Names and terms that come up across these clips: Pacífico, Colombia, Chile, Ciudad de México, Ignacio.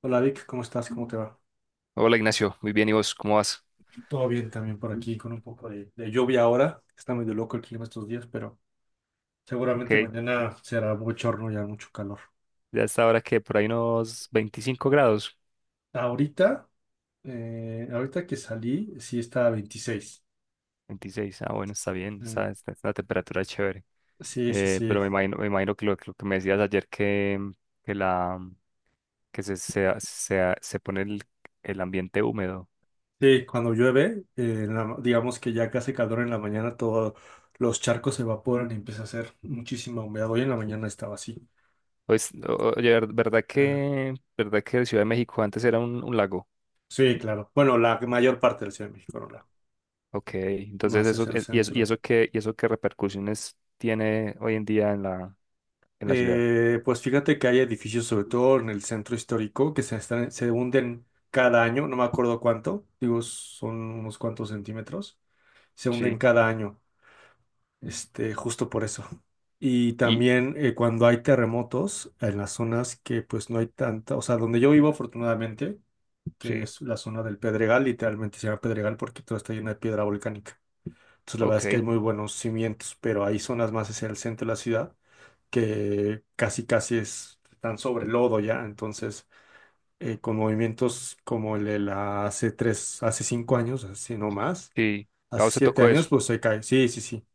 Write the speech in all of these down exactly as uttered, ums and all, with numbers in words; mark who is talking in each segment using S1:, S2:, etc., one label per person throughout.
S1: Hola Vic, ¿cómo estás? ¿Cómo te va?
S2: Hola Ignacio, muy bien, ¿y vos cómo vas?
S1: Todo bien también por aquí, con un poco de, de lluvia ahora. Está medio loco el clima estos días, pero
S2: Ok,
S1: seguramente mañana será bochorno y hará mucho calor.
S2: ya está ahora que por ahí unos veinticinco grados,
S1: Ahorita, eh, ahorita que salí, sí está a veintiséis.
S2: veintiséis, ah, bueno, está bien,
S1: Eh,
S2: está, está- está una temperatura chévere.
S1: sí, sí,
S2: Eh,
S1: sí.
S2: pero me imagino, me imagino que lo, que lo que me decías ayer que, que, la, que se, se, se, se pone el, el ambiente húmedo.
S1: Sí, cuando llueve, eh, en la- digamos que ya que hace calor en la mañana, todos los charcos se evaporan y empieza a hacer muchísima humedad. Hoy en la mañana estaba así.
S2: Pues, o- oye, ver- ¿verdad
S1: Ah,
S2: que, verdad que Ciudad de México antes era un, un lago?
S1: sí, claro. Bueno, la mayor parte del Ciudad de México, no la-
S2: Ok, entonces
S1: Más
S2: eso,
S1: es el
S2: eh, ¿y eso, y
S1: centro.
S2: eso qué, y eso qué repercusiones tiene hoy en día en la, en la ciudad?
S1: Eh, pues fíjate que hay edificios, sobre todo en el centro histórico, que se están, se hunden cada año, no me acuerdo cuánto, digo, son unos cuantos centímetros, se
S2: Sí,
S1: hunden cada año, este, justo por eso. Y
S2: y
S1: también eh, cuando hay terremotos en las zonas que pues no hay tanta, o sea, donde yo vivo afortunadamente, que
S2: sí,
S1: es la zona del Pedregal, literalmente se llama Pedregal porque todo está lleno de piedra volcánica. Entonces la verdad es que hay
S2: ok.
S1: muy buenos cimientos, pero hay zonas más hacia el centro de la ciudad que casi casi es, están sobre el lodo ya, entonces eh, con movimientos como el de la hace tres, hace cinco años, así no más,
S2: Sí, a
S1: hace
S2: vos te
S1: siete
S2: tocó eso.
S1: años, pues se cae, sí, sí, sí.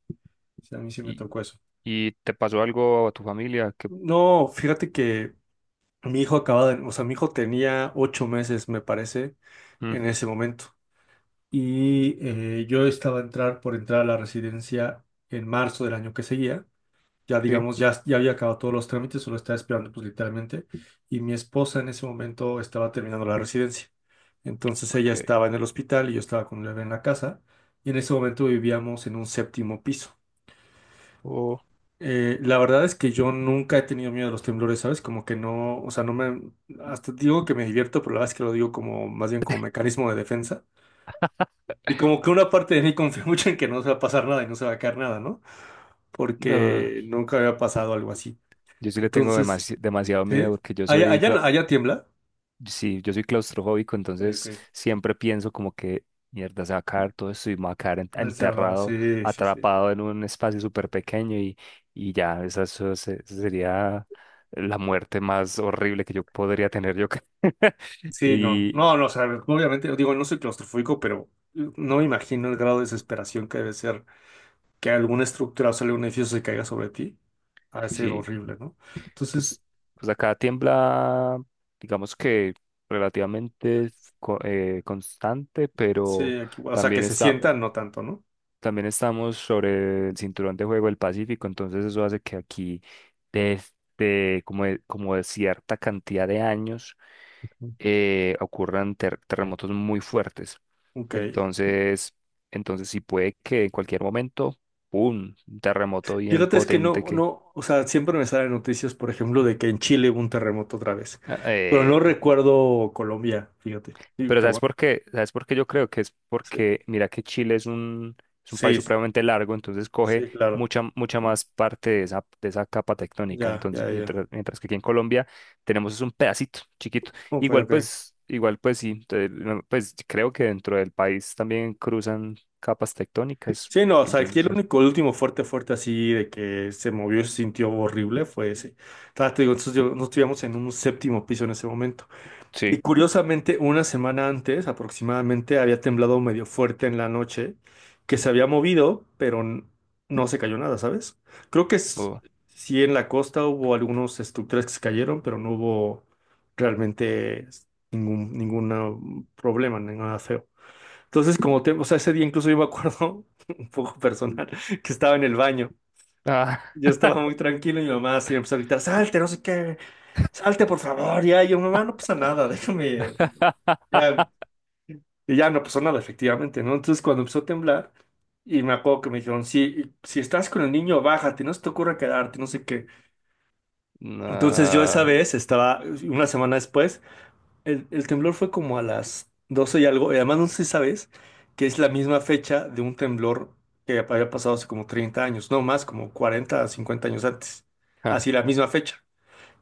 S1: Sí, a mí sí me tocó
S2: ¿Y,
S1: eso.
S2: ¿Y te pasó algo a tu familia? Que.
S1: No, fíjate que mi hijo acababa de, o sea, mi hijo tenía ocho meses, me parece,
S2: Mm,
S1: en ese momento. Y eh, yo estaba a entrar por entrar a la residencia en marzo del año que seguía. Ya
S2: sí,
S1: digamos, ya, ya había acabado todos los trámites, solo estaba esperando pues literalmente, y mi esposa en ese momento estaba terminando la residencia. Entonces
S2: ok.
S1: ella estaba en el hospital y yo estaba con el bebé en la casa, y en ese momento vivíamos en un séptimo piso.
S2: Oh,
S1: Eh, la verdad es que yo nunca he tenido miedo a los temblores, ¿sabes? Como que no, o sea, no me, hasta digo que me divierto, pero la verdad es que lo digo como, más bien como mecanismo de defensa. Y como que una parte de mí confía mucho en que no se va a pasar nada y no se va a caer nada, ¿no?
S2: no.
S1: Porque nunca había pasado algo así.
S2: Yo sí le tengo
S1: Entonces,
S2: demasi- demasiado miedo
S1: ¿sí?
S2: porque yo
S1: Allá,
S2: soy, clau-
S1: allá, allá tiembla.
S2: sí, yo soy claustrofóbico,
S1: Ok,
S2: entonces
S1: ok.
S2: siempre pienso como que, mierda, se va a caer todo esto y me va a quedar en-
S1: Demasiado,
S2: enterrado,
S1: sí, sí, sí.
S2: atrapado en un espacio súper pequeño y, y ya, esa, eso se- esa sería la muerte más horrible que yo podría tener yo creo.
S1: Sí, no,
S2: Y
S1: no, no, o sea, obviamente, digo, no soy claustrofóbico, pero eh, no me imagino el grado de desesperación que debe ser que alguna estructura o sea, algún edificio se caiga sobre ti. Ha de ser
S2: sí.
S1: horrible, ¿no? Entonces,
S2: Pues, pues acá tiembla, digamos que relativamente es co- eh, constante, pero
S1: sí, aquí, o sea, que
S2: también
S1: se
S2: está,
S1: sientan, no tanto, ¿no?
S2: también estamos sobre el cinturón de juego del Pacífico, entonces eso hace que aquí desde como de, como de cierta cantidad de años eh, ocurran ter- terremotos muy fuertes.
S1: Ok.
S2: Entonces, entonces sí puede que en cualquier momento, ¡pum! Un terremoto bien
S1: Fíjate, es que
S2: potente
S1: no,
S2: que.
S1: no, o sea, siempre me salen noticias, por ejemplo, de que en Chile hubo un terremoto otra vez, pero no recuerdo Colombia, fíjate. Digo,
S2: Pero
S1: qué
S2: ¿sabes
S1: bueno,
S2: por qué? ¿Sabes por qué yo creo que es?
S1: sí,
S2: Porque, mira, que Chile es un, es un país
S1: sí,
S2: supremamente largo, entonces coge
S1: sí, claro.
S2: mucha, mucha más parte de esa, de esa capa tectónica.
S1: Ya,
S2: Entonces,
S1: ya, ya.
S2: mientras, mientras que aquí en Colombia tenemos es un pedacito chiquito.
S1: Ok,
S2: Igual
S1: ok.
S2: pues, igual pues sí, entonces, no, pues creo que dentro del país también cruzan capas tectónicas.
S1: Sí, no, o sea, aquí el
S2: Entonces,
S1: único, el último fuerte, fuerte así de que se movió y se sintió horrible fue ese. Claro, te digo, nosotros yo- nosotros vivíamos en un séptimo piso en ese momento. Y
S2: sí.
S1: curiosamente, una semana antes aproximadamente había temblado medio fuerte en la noche, que se había movido, pero n- no se cayó nada, ¿sabes? Creo que s-
S2: Oh.
S1: sí en la costa hubo algunas estructuras que se cayeron, pero no hubo realmente ningún, ningún no, problema, nada feo. Entonces, como te, o sea, ese día incluso yo me acuerdo, un poco personal, que estaba en el baño.
S2: Ah,
S1: Yo estaba muy tranquilo y mi mamá así me empezó a gritar, salte, no sé qué, salte por favor, ya. Y yo, mamá, no pasa nada, déjame, ya. Y ya no pasó nada, efectivamente, ¿no? Entonces, cuando empezó a temblar, y me acuerdo que me dijeron, si, si estás con el niño, bájate, no se te ocurra quedarte, no sé qué. Entonces, yo esa
S2: nah.
S1: vez estaba, una semana después, El, el temblor fue como a las doce y algo, y además no sé si sabes que es la misma fecha de un temblor que había pasado hace como treinta años, no más, como cuarenta a 50 años antes.
S2: Ah,
S1: Así la misma fecha,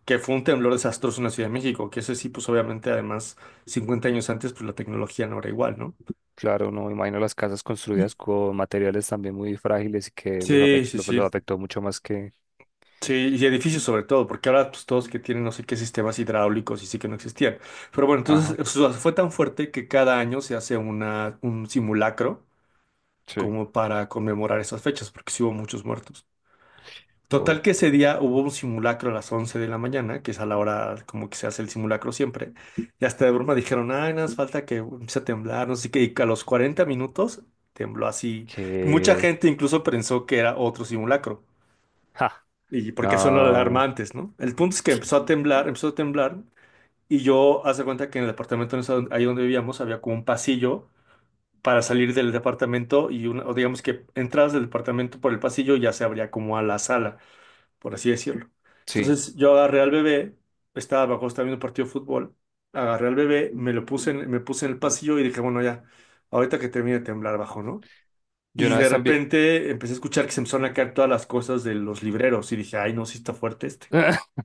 S1: que fue un temblor desastroso en la Ciudad de México, que ese sí, pues obviamente además cincuenta años antes, pues la tecnología no era igual, ¿no?
S2: claro, no me imagino las casas
S1: Y-
S2: construidas con materiales también muy frágiles y que los, afect-
S1: Sí, sí,
S2: los los
S1: sí.
S2: afectó mucho más que.
S1: Sí, y edificios sobre todo, porque ahora pues todos que tienen no sé qué sistemas hidráulicos y sí que no existían. Pero bueno,
S2: Ajá,
S1: entonces o sea, fue tan fuerte que cada año se hace una, un simulacro
S2: sí.
S1: como para conmemorar esas fechas, porque sí hubo muchos muertos.
S2: O
S1: Total que ese día hubo un simulacro a las once de la mañana, que es a la hora como que se hace el simulacro siempre, y hasta de broma dijeron, ay, nada más falta que empiece a temblar, no sé qué, y a los cuarenta minutos tembló así. Mucha
S2: que.
S1: gente incluso pensó que era otro simulacro,
S2: Ja,
S1: y porque son
S2: no.
S1: alarmantes, ¿no? El punto es que empezó a temblar, empezó a temblar, y yo, hace cuenta que en el apartamento en esa- ahí donde vivíamos había como un pasillo para salir del departamento y una, o digamos que entradas del departamento por el pasillo ya se abría como a la sala, por así decirlo.
S2: Sí.
S1: Entonces yo agarré al bebé, estaba abajo, estaba viendo un partido de fútbol, agarré al bebé, me lo puse en, me puse en el pasillo y dije, bueno, ya, ahorita que termine de temblar bajo, ¿no?
S2: Yo
S1: Y
S2: una vez
S1: de
S2: también.
S1: repente empecé a escuchar que se empezaron a caer todas las cosas de los libreros y dije, ay, no, sí está fuerte este.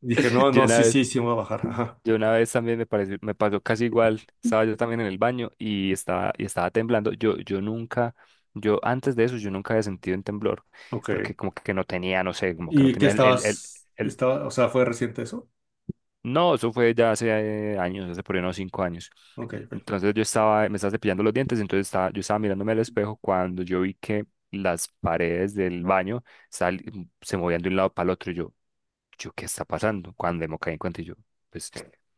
S1: Dije, no,
S2: Yo
S1: no,
S2: una
S1: sí,
S2: vez,
S1: sí, sí me voy a bajar. Ajá.
S2: yo una vez también me pareció, me pasó casi igual. Estaba yo también en el baño y estaba, y estaba temblando. Yo, yo nunca, Yo antes de eso, yo nunca había sentido un temblor,
S1: Ok.
S2: porque como que no tenía, no sé, como que no
S1: ¿Y qué
S2: tenía el, el, el,
S1: estabas,
S2: el-
S1: estaba, o sea, fue reciente eso?
S2: No, eso fue ya hace eh, años, hace por ahí unos cinco años.
S1: Ok, ok.
S2: Entonces yo estaba, me estaba cepillando los dientes, entonces estaba, yo estaba mirándome al espejo cuando yo vi que las paredes del baño sal- se movían de un lado para el otro. y Yo, yo, ¿qué está pasando? Cuando me caí en cuenta y yo, pues,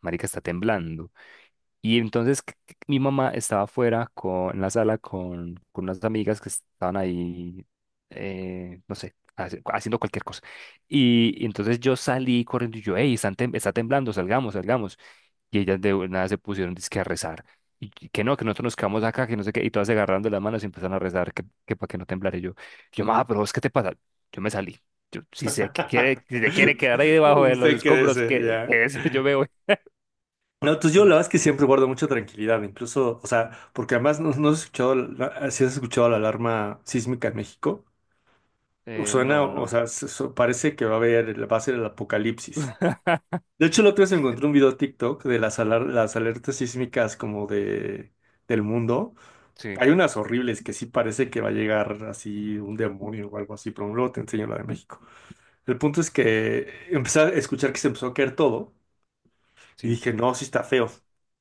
S2: marica, está temblando. Y entonces c- c- mi mamá estaba afuera con, en la sala con, con unas amigas que estaban ahí, eh, no sé, hace- haciendo cualquier cosa. Y, y entonces yo salí corriendo y yo, hey, están tem- está temblando, salgamos, salgamos. Y ellas de nada se pusieron dizque a rezar. Y que que no, que nosotros nos quedamos acá, que no sé qué. Y todas se agarrando las manos y empezaron a rezar, que, que para que no temblara. Y yo, yo, mamá, pero vos, ¿qué te pasa? Yo me salí. Yo, si se quiere, si se quiere quedar ahí debajo de los
S1: Usted crece
S2: escombros, que,
S1: ya.
S2: que ese yo me voy.
S1: No, entonces yo
S2: En-
S1: la verdad es que siempre guardo mucha tranquilidad, incluso, o sea, porque además no, no has escuchado, la- si has escuchado la alarma sísmica en México,
S2: eh,
S1: suena,
S2: no,
S1: o
S2: no.
S1: sea, se- so- parece que va a haber, va a ser el apocalipsis. De hecho, la otra vez encontré un video TikTok de las, alar- las alertas sísmicas como de, del mundo.
S2: Sí,
S1: Hay unas horribles que sí parece que va a llegar así un demonio o algo así, pero luego te enseño la de México. El punto es que empecé a escuchar que se empezó a caer todo. Y
S2: sí.
S1: dije, no, sí está feo.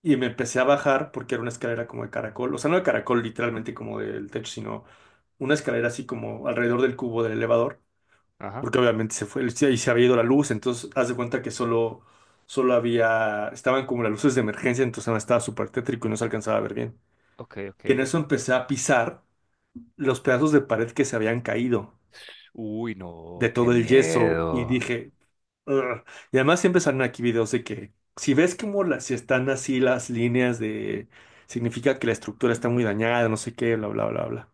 S1: Y me empecé a bajar porque era una escalera como de caracol, o sea, no de caracol literalmente como del techo, sino una escalera así como alrededor del cubo del elevador,
S2: Ajá.
S1: porque obviamente se fue, y se había ido la luz, entonces haz de cuenta que solo, solo había, estaban como las luces de emergencia, entonces nada, estaba súper tétrico y no se alcanzaba a ver bien.
S2: Ok, ok.
S1: Y en eso empecé a pisar los pedazos de pared que se habían caído
S2: Uy,
S1: de
S2: no, qué
S1: todo el yeso y
S2: miedo.
S1: dije, ugh. Y además siempre salen aquí videos de que si ves como las, si están así las líneas de significa que la estructura está muy dañada, no sé qué, bla, bla, bla, bla.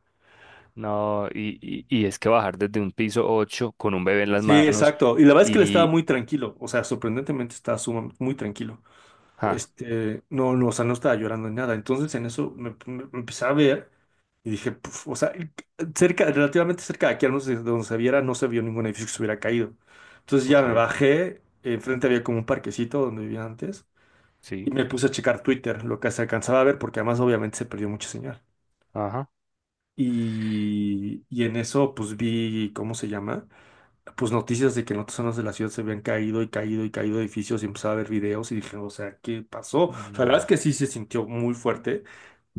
S2: No, y, y, y es que bajar desde un piso ocho con un bebé en las
S1: Sí,
S2: manos
S1: exacto. Y la verdad es que él estaba
S2: y.
S1: muy tranquilo, o sea, sorprendentemente estaba suma- muy tranquilo.
S2: Ah,
S1: Este, no, no, o sea, no estaba llorando ni nada. Entonces en eso me, me- me empecé a ver y dije, "Puf", o sea, cerca, relativamente cerca de aquí, al menos de donde se viera, no se vio ningún edificio que se hubiera caído. Entonces ya me
S2: ok,
S1: bajé, enfrente había como un parquecito donde vivía antes. Y
S2: sí.
S1: me puse a checar Twitter, lo que se alcanzaba a ver, porque además obviamente se perdió mucha señal.
S2: Ajá.
S1: Y, y en eso pues vi, ¿cómo se llama? Pues noticias de que en otras zonas de la ciudad se habían caído y caído y caído edificios y empezaba a ver videos y dije, o sea, ¿qué pasó? O sea, la verdad es
S2: Nada.
S1: que sí se sintió muy fuerte,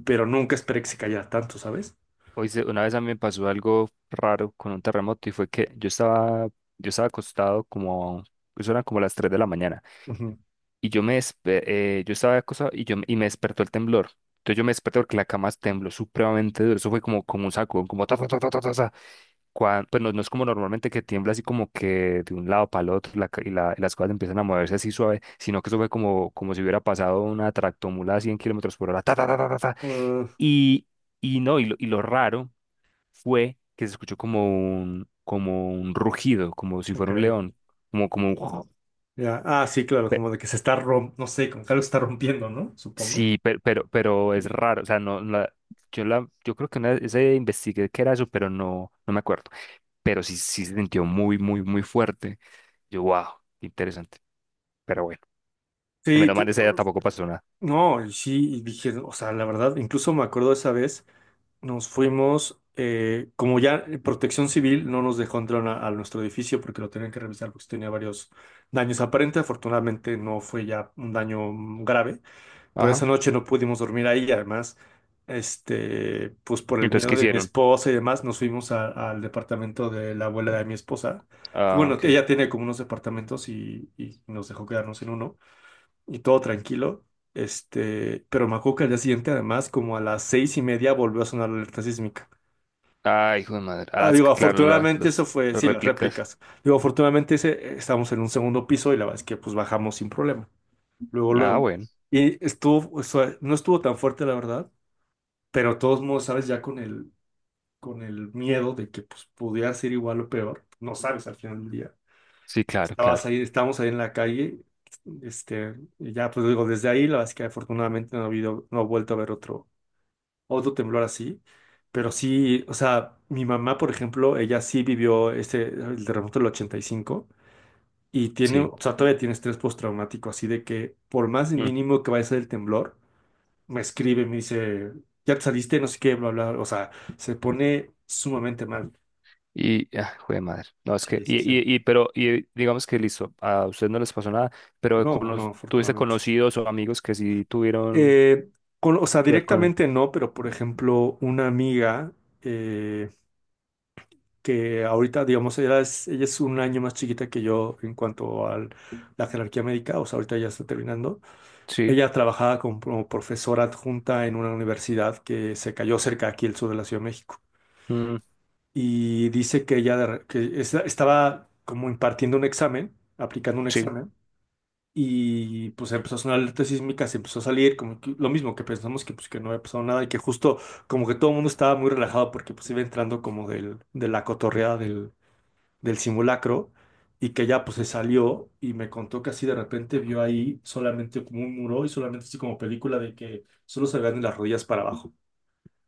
S1: pero nunca esperé que se cayera tanto, ¿sabes?
S2: Hoy se- una vez a mí me pasó algo raro con un terremoto y fue que yo estaba, yo estaba acostado como. Eso eran como las tres de la mañana.
S1: Ujú.
S2: Y yo me despe- eh, yo estaba acostado y, yo, y me despertó el temblor. Entonces yo me desperté porque la cama tembló supremamente duro. Eso fue como, como un saco, como. Cuan- pues no, no es como normalmente que tiembla así como que de un lado para el otro la ca- y, la- y las cosas empiezan a moverse así suave, sino que eso fue como, como si hubiera pasado una tractomula a cien kilómetros por hora. Ta, ta, ta, ta, ta, ta.
S1: Ah,
S2: Y, y no, y lo, y lo raro fue que se escuchó como un, como un rugido, como si
S1: ok,
S2: fuera un león, como, como un.
S1: ya. Ah, sí, claro,
S2: pe-
S1: como de que se está rompiendo, no sé, como que algo se está rompiendo, ¿no? Supongo.
S2: sí, pero, pero, pero es raro, o sea, no, la- yo, la, yo creo que una vez eh, investigué qué era eso, pero no, no me acuerdo, pero sí, sí se sintió muy, muy, muy fuerte. Yo, wow. Interesante. Pero bueno, y
S1: Sí,
S2: menos mal
S1: te-
S2: esa ya
S1: uh,
S2: tampoco pasó nada.
S1: no, y sí, y dije, o sea, la verdad, incluso me acuerdo esa vez nos fuimos, eh, como ya eh, Protección Civil no nos dejó entrar a, a nuestro edificio porque lo tenían que revisar porque tenía varios daños aparentes. Afortunadamente no fue ya un daño mm, grave, pero
S2: Ajá.
S1: esa noche no pudimos dormir ahí. Y además, este, pues por el
S2: Entonces,
S1: miedo
S2: ¿qué
S1: de mi
S2: hicieron?
S1: esposa y demás, nos fuimos a- al departamento de la abuela de mi esposa.
S2: Ah,
S1: Bueno, que
S2: ok.
S1: ella tiene como unos departamentos y, y nos dejó quedarnos en uno y todo tranquilo. Este, pero me acuerdo que al día siguiente, además, como a las seis y media, volvió a sonar la alerta sísmica.
S2: Ay, hijo de madre. Ah,
S1: Ah,
S2: es
S1: digo,
S2: que claro, la-
S1: afortunadamente eso
S2: las,
S1: fue,
S2: las
S1: sí, las
S2: réplicas.
S1: réplicas. Digo, afortunadamente ese, estábamos en un segundo piso y la verdad es que pues bajamos sin problema. Luego,
S2: Ah,
S1: luego.
S2: bueno.
S1: Y estuvo, o sea, no estuvo tan fuerte, la verdad, pero de todos modos, sabes, ya con el, con el miedo de que pues pudiera ser igual o peor, no sabes al final del día.
S2: Sí, claro, claro.
S1: Estabas ahí, estábamos ahí en la calle, este, y ya pues digo, desde ahí, la verdad es que afortunadamente no ha habido, no ha vuelto a haber otro, otro temblor así, pero sí, o sea, mi mamá, por ejemplo, ella sí vivió este, el terremoto del ochenta y cinco y cinco y tiene,
S2: Sí.
S1: o sea, todavía tiene estrés postraumático, así de que por más
S2: Mm.
S1: mínimo que vaya a ser el temblor, me escribe, me dice, ya te saliste, no sé qué, bla, bla, o sea, se pone sumamente mal.
S2: Y, ah, hijo de madre. No, es que,
S1: Sí,
S2: y,
S1: sí, sí.
S2: y, y, pero, y digamos que listo, a ustedes no les pasó nada, pero con
S1: No, no,
S2: los tuviste
S1: afortunadamente.
S2: conocidos o amigos que sí tuvieron
S1: Eh, con- o sea,
S2: que ver con él.
S1: directamente no, pero por ejemplo, una amiga eh, que ahorita, digamos, ella es, ella es un año más chiquita que yo en cuanto a la jerarquía médica, o sea, ahorita ya está terminando.
S2: Sí.
S1: Ella trabajaba como, como profesora adjunta en una universidad que se cayó cerca aquí al sur de la Ciudad de México.
S2: Mm,
S1: Y dice que ella de re- que es- estaba como impartiendo un examen, aplicando un
S2: sí.
S1: examen. Y pues empezó a sonar alerta sísmica, se empezó a salir, como que lo mismo que pensamos que pues que no había pasado nada y que justo como que todo el mundo estaba muy relajado porque pues iba entrando como del, de la cotorreada del, del simulacro y que ya pues se salió y me contó que así de repente vio ahí solamente como un muro y solamente así como película de que solo se veían de las rodillas para abajo.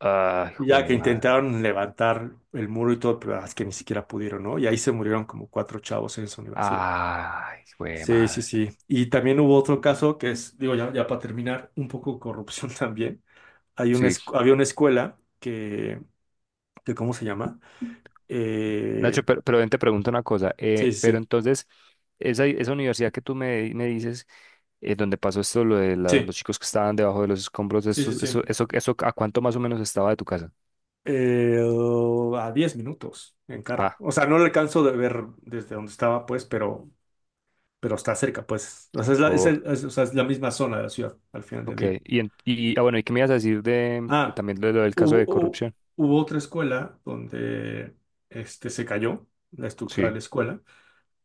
S2: Ay,
S1: Y
S2: hijo
S1: ya
S2: de
S1: que
S2: madre.
S1: intentaron levantar el muro y todo, pero ah, es que ni siquiera pudieron, ¿no? Y ahí se murieron como cuatro chavos en esa universidad.
S2: Ay, hijo de
S1: Sí, sí,
S2: madre.
S1: sí. Y también hubo otro caso que es, digo, ya, ya para terminar, un poco corrupción también. Hay una,
S2: Sí,
S1: escu- había una escuela que, que, ¿cómo se llama? Eh,
S2: Nacho, pero, pero ven, te pregunto una cosa.
S1: sí,
S2: Eh, pero
S1: sí,
S2: entonces, esa, esa universidad que tú me, me dices, eh, donde pasó esto, lo de la-
S1: sí.
S2: los chicos que estaban debajo de los escombros,
S1: Sí,
S2: eso,
S1: sí, sí,
S2: eso,
S1: sí.
S2: eso, eso, ¿a cuánto más o menos estaba de tu casa?
S1: Eh, oh, a diez minutos en carro.
S2: Ah,
S1: O sea, no lo alcanzo de ver desde donde estaba, pues, pero, pero está cerca, pues. O sea, es la, es
S2: oh,
S1: el- es- o sea, es la misma zona de la ciudad al final del
S2: ok.
S1: día.
S2: Y, en- y ah, bueno, ¿y qué me ibas a decir de, de
S1: Ah,
S2: también de lo del caso
S1: hubo,
S2: de
S1: hubo
S2: corrupción?
S1: hubo otra escuela donde este, se cayó la estructura de
S2: Sí,
S1: la escuela.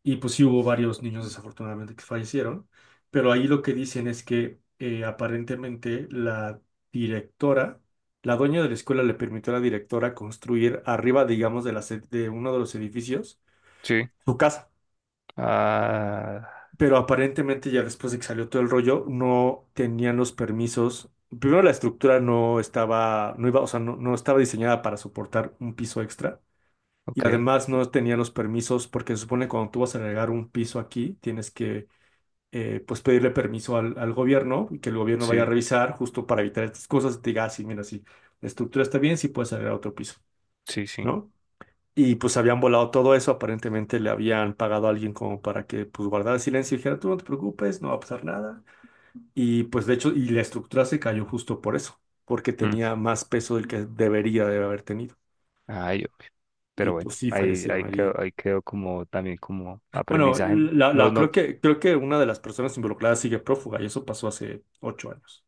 S1: Y pues sí hubo varios niños desafortunadamente que fallecieron, pero ahí lo que dicen es que eh, aparentemente la directora, la dueña de la escuela le permitió a la directora construir arriba, digamos, de, las ed- de uno de los edificios
S2: sí.
S1: su casa.
S2: Ah,
S1: Pero aparentemente ya después de que salió todo el rollo, no tenían los permisos. Primero la estructura no estaba, no iba, o sea, no, no estaba diseñada para soportar un piso extra.
S2: ok.
S1: Y además no tenían los permisos porque se supone que cuando tú vas a agregar un piso aquí, tienes que eh, pues pedirle permiso al, al gobierno y que el gobierno vaya
S2: Sí,
S1: a revisar justo para evitar estas cosas y te diga, ah, sí, mira, sí, la estructura está bien, sí puedes salir a otro piso,
S2: sí, sí.
S1: ¿no? Y pues habían volado todo eso, aparentemente le habían pagado a alguien como para que pues guardara silencio y dijera, tú no te preocupes, no va a pasar nada. Y pues de hecho, y la estructura se cayó justo por eso, porque
S2: mm,
S1: tenía más peso del que debería de haber tenido.
S2: Ay,
S1: Y
S2: pero bueno,
S1: pues sí,
S2: ahí,
S1: fallecieron
S2: ahí
S1: allí.
S2: quedó, ahí quedó como también como
S1: Bueno,
S2: aprendizaje.
S1: la,
S2: No,
S1: la-
S2: no.
S1: creo que, creo que una de las personas involucradas sigue prófuga y eso pasó hace ocho años.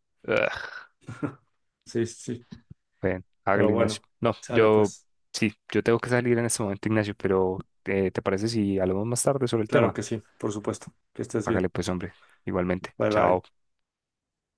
S1: Sí, sí, sí.
S2: Bueno,
S1: Pero
S2: hágale, Ignacio.
S1: bueno,
S2: No,
S1: sale
S2: yo
S1: pues.
S2: sí, yo tengo que salir en este momento, Ignacio, pero eh, ¿te parece si hablamos más tarde sobre el
S1: Claro
S2: tema?
S1: que sí, por supuesto. Que estés
S2: Hágale
S1: bien.
S2: pues, hombre, igualmente.
S1: Bye bye.
S2: Chao.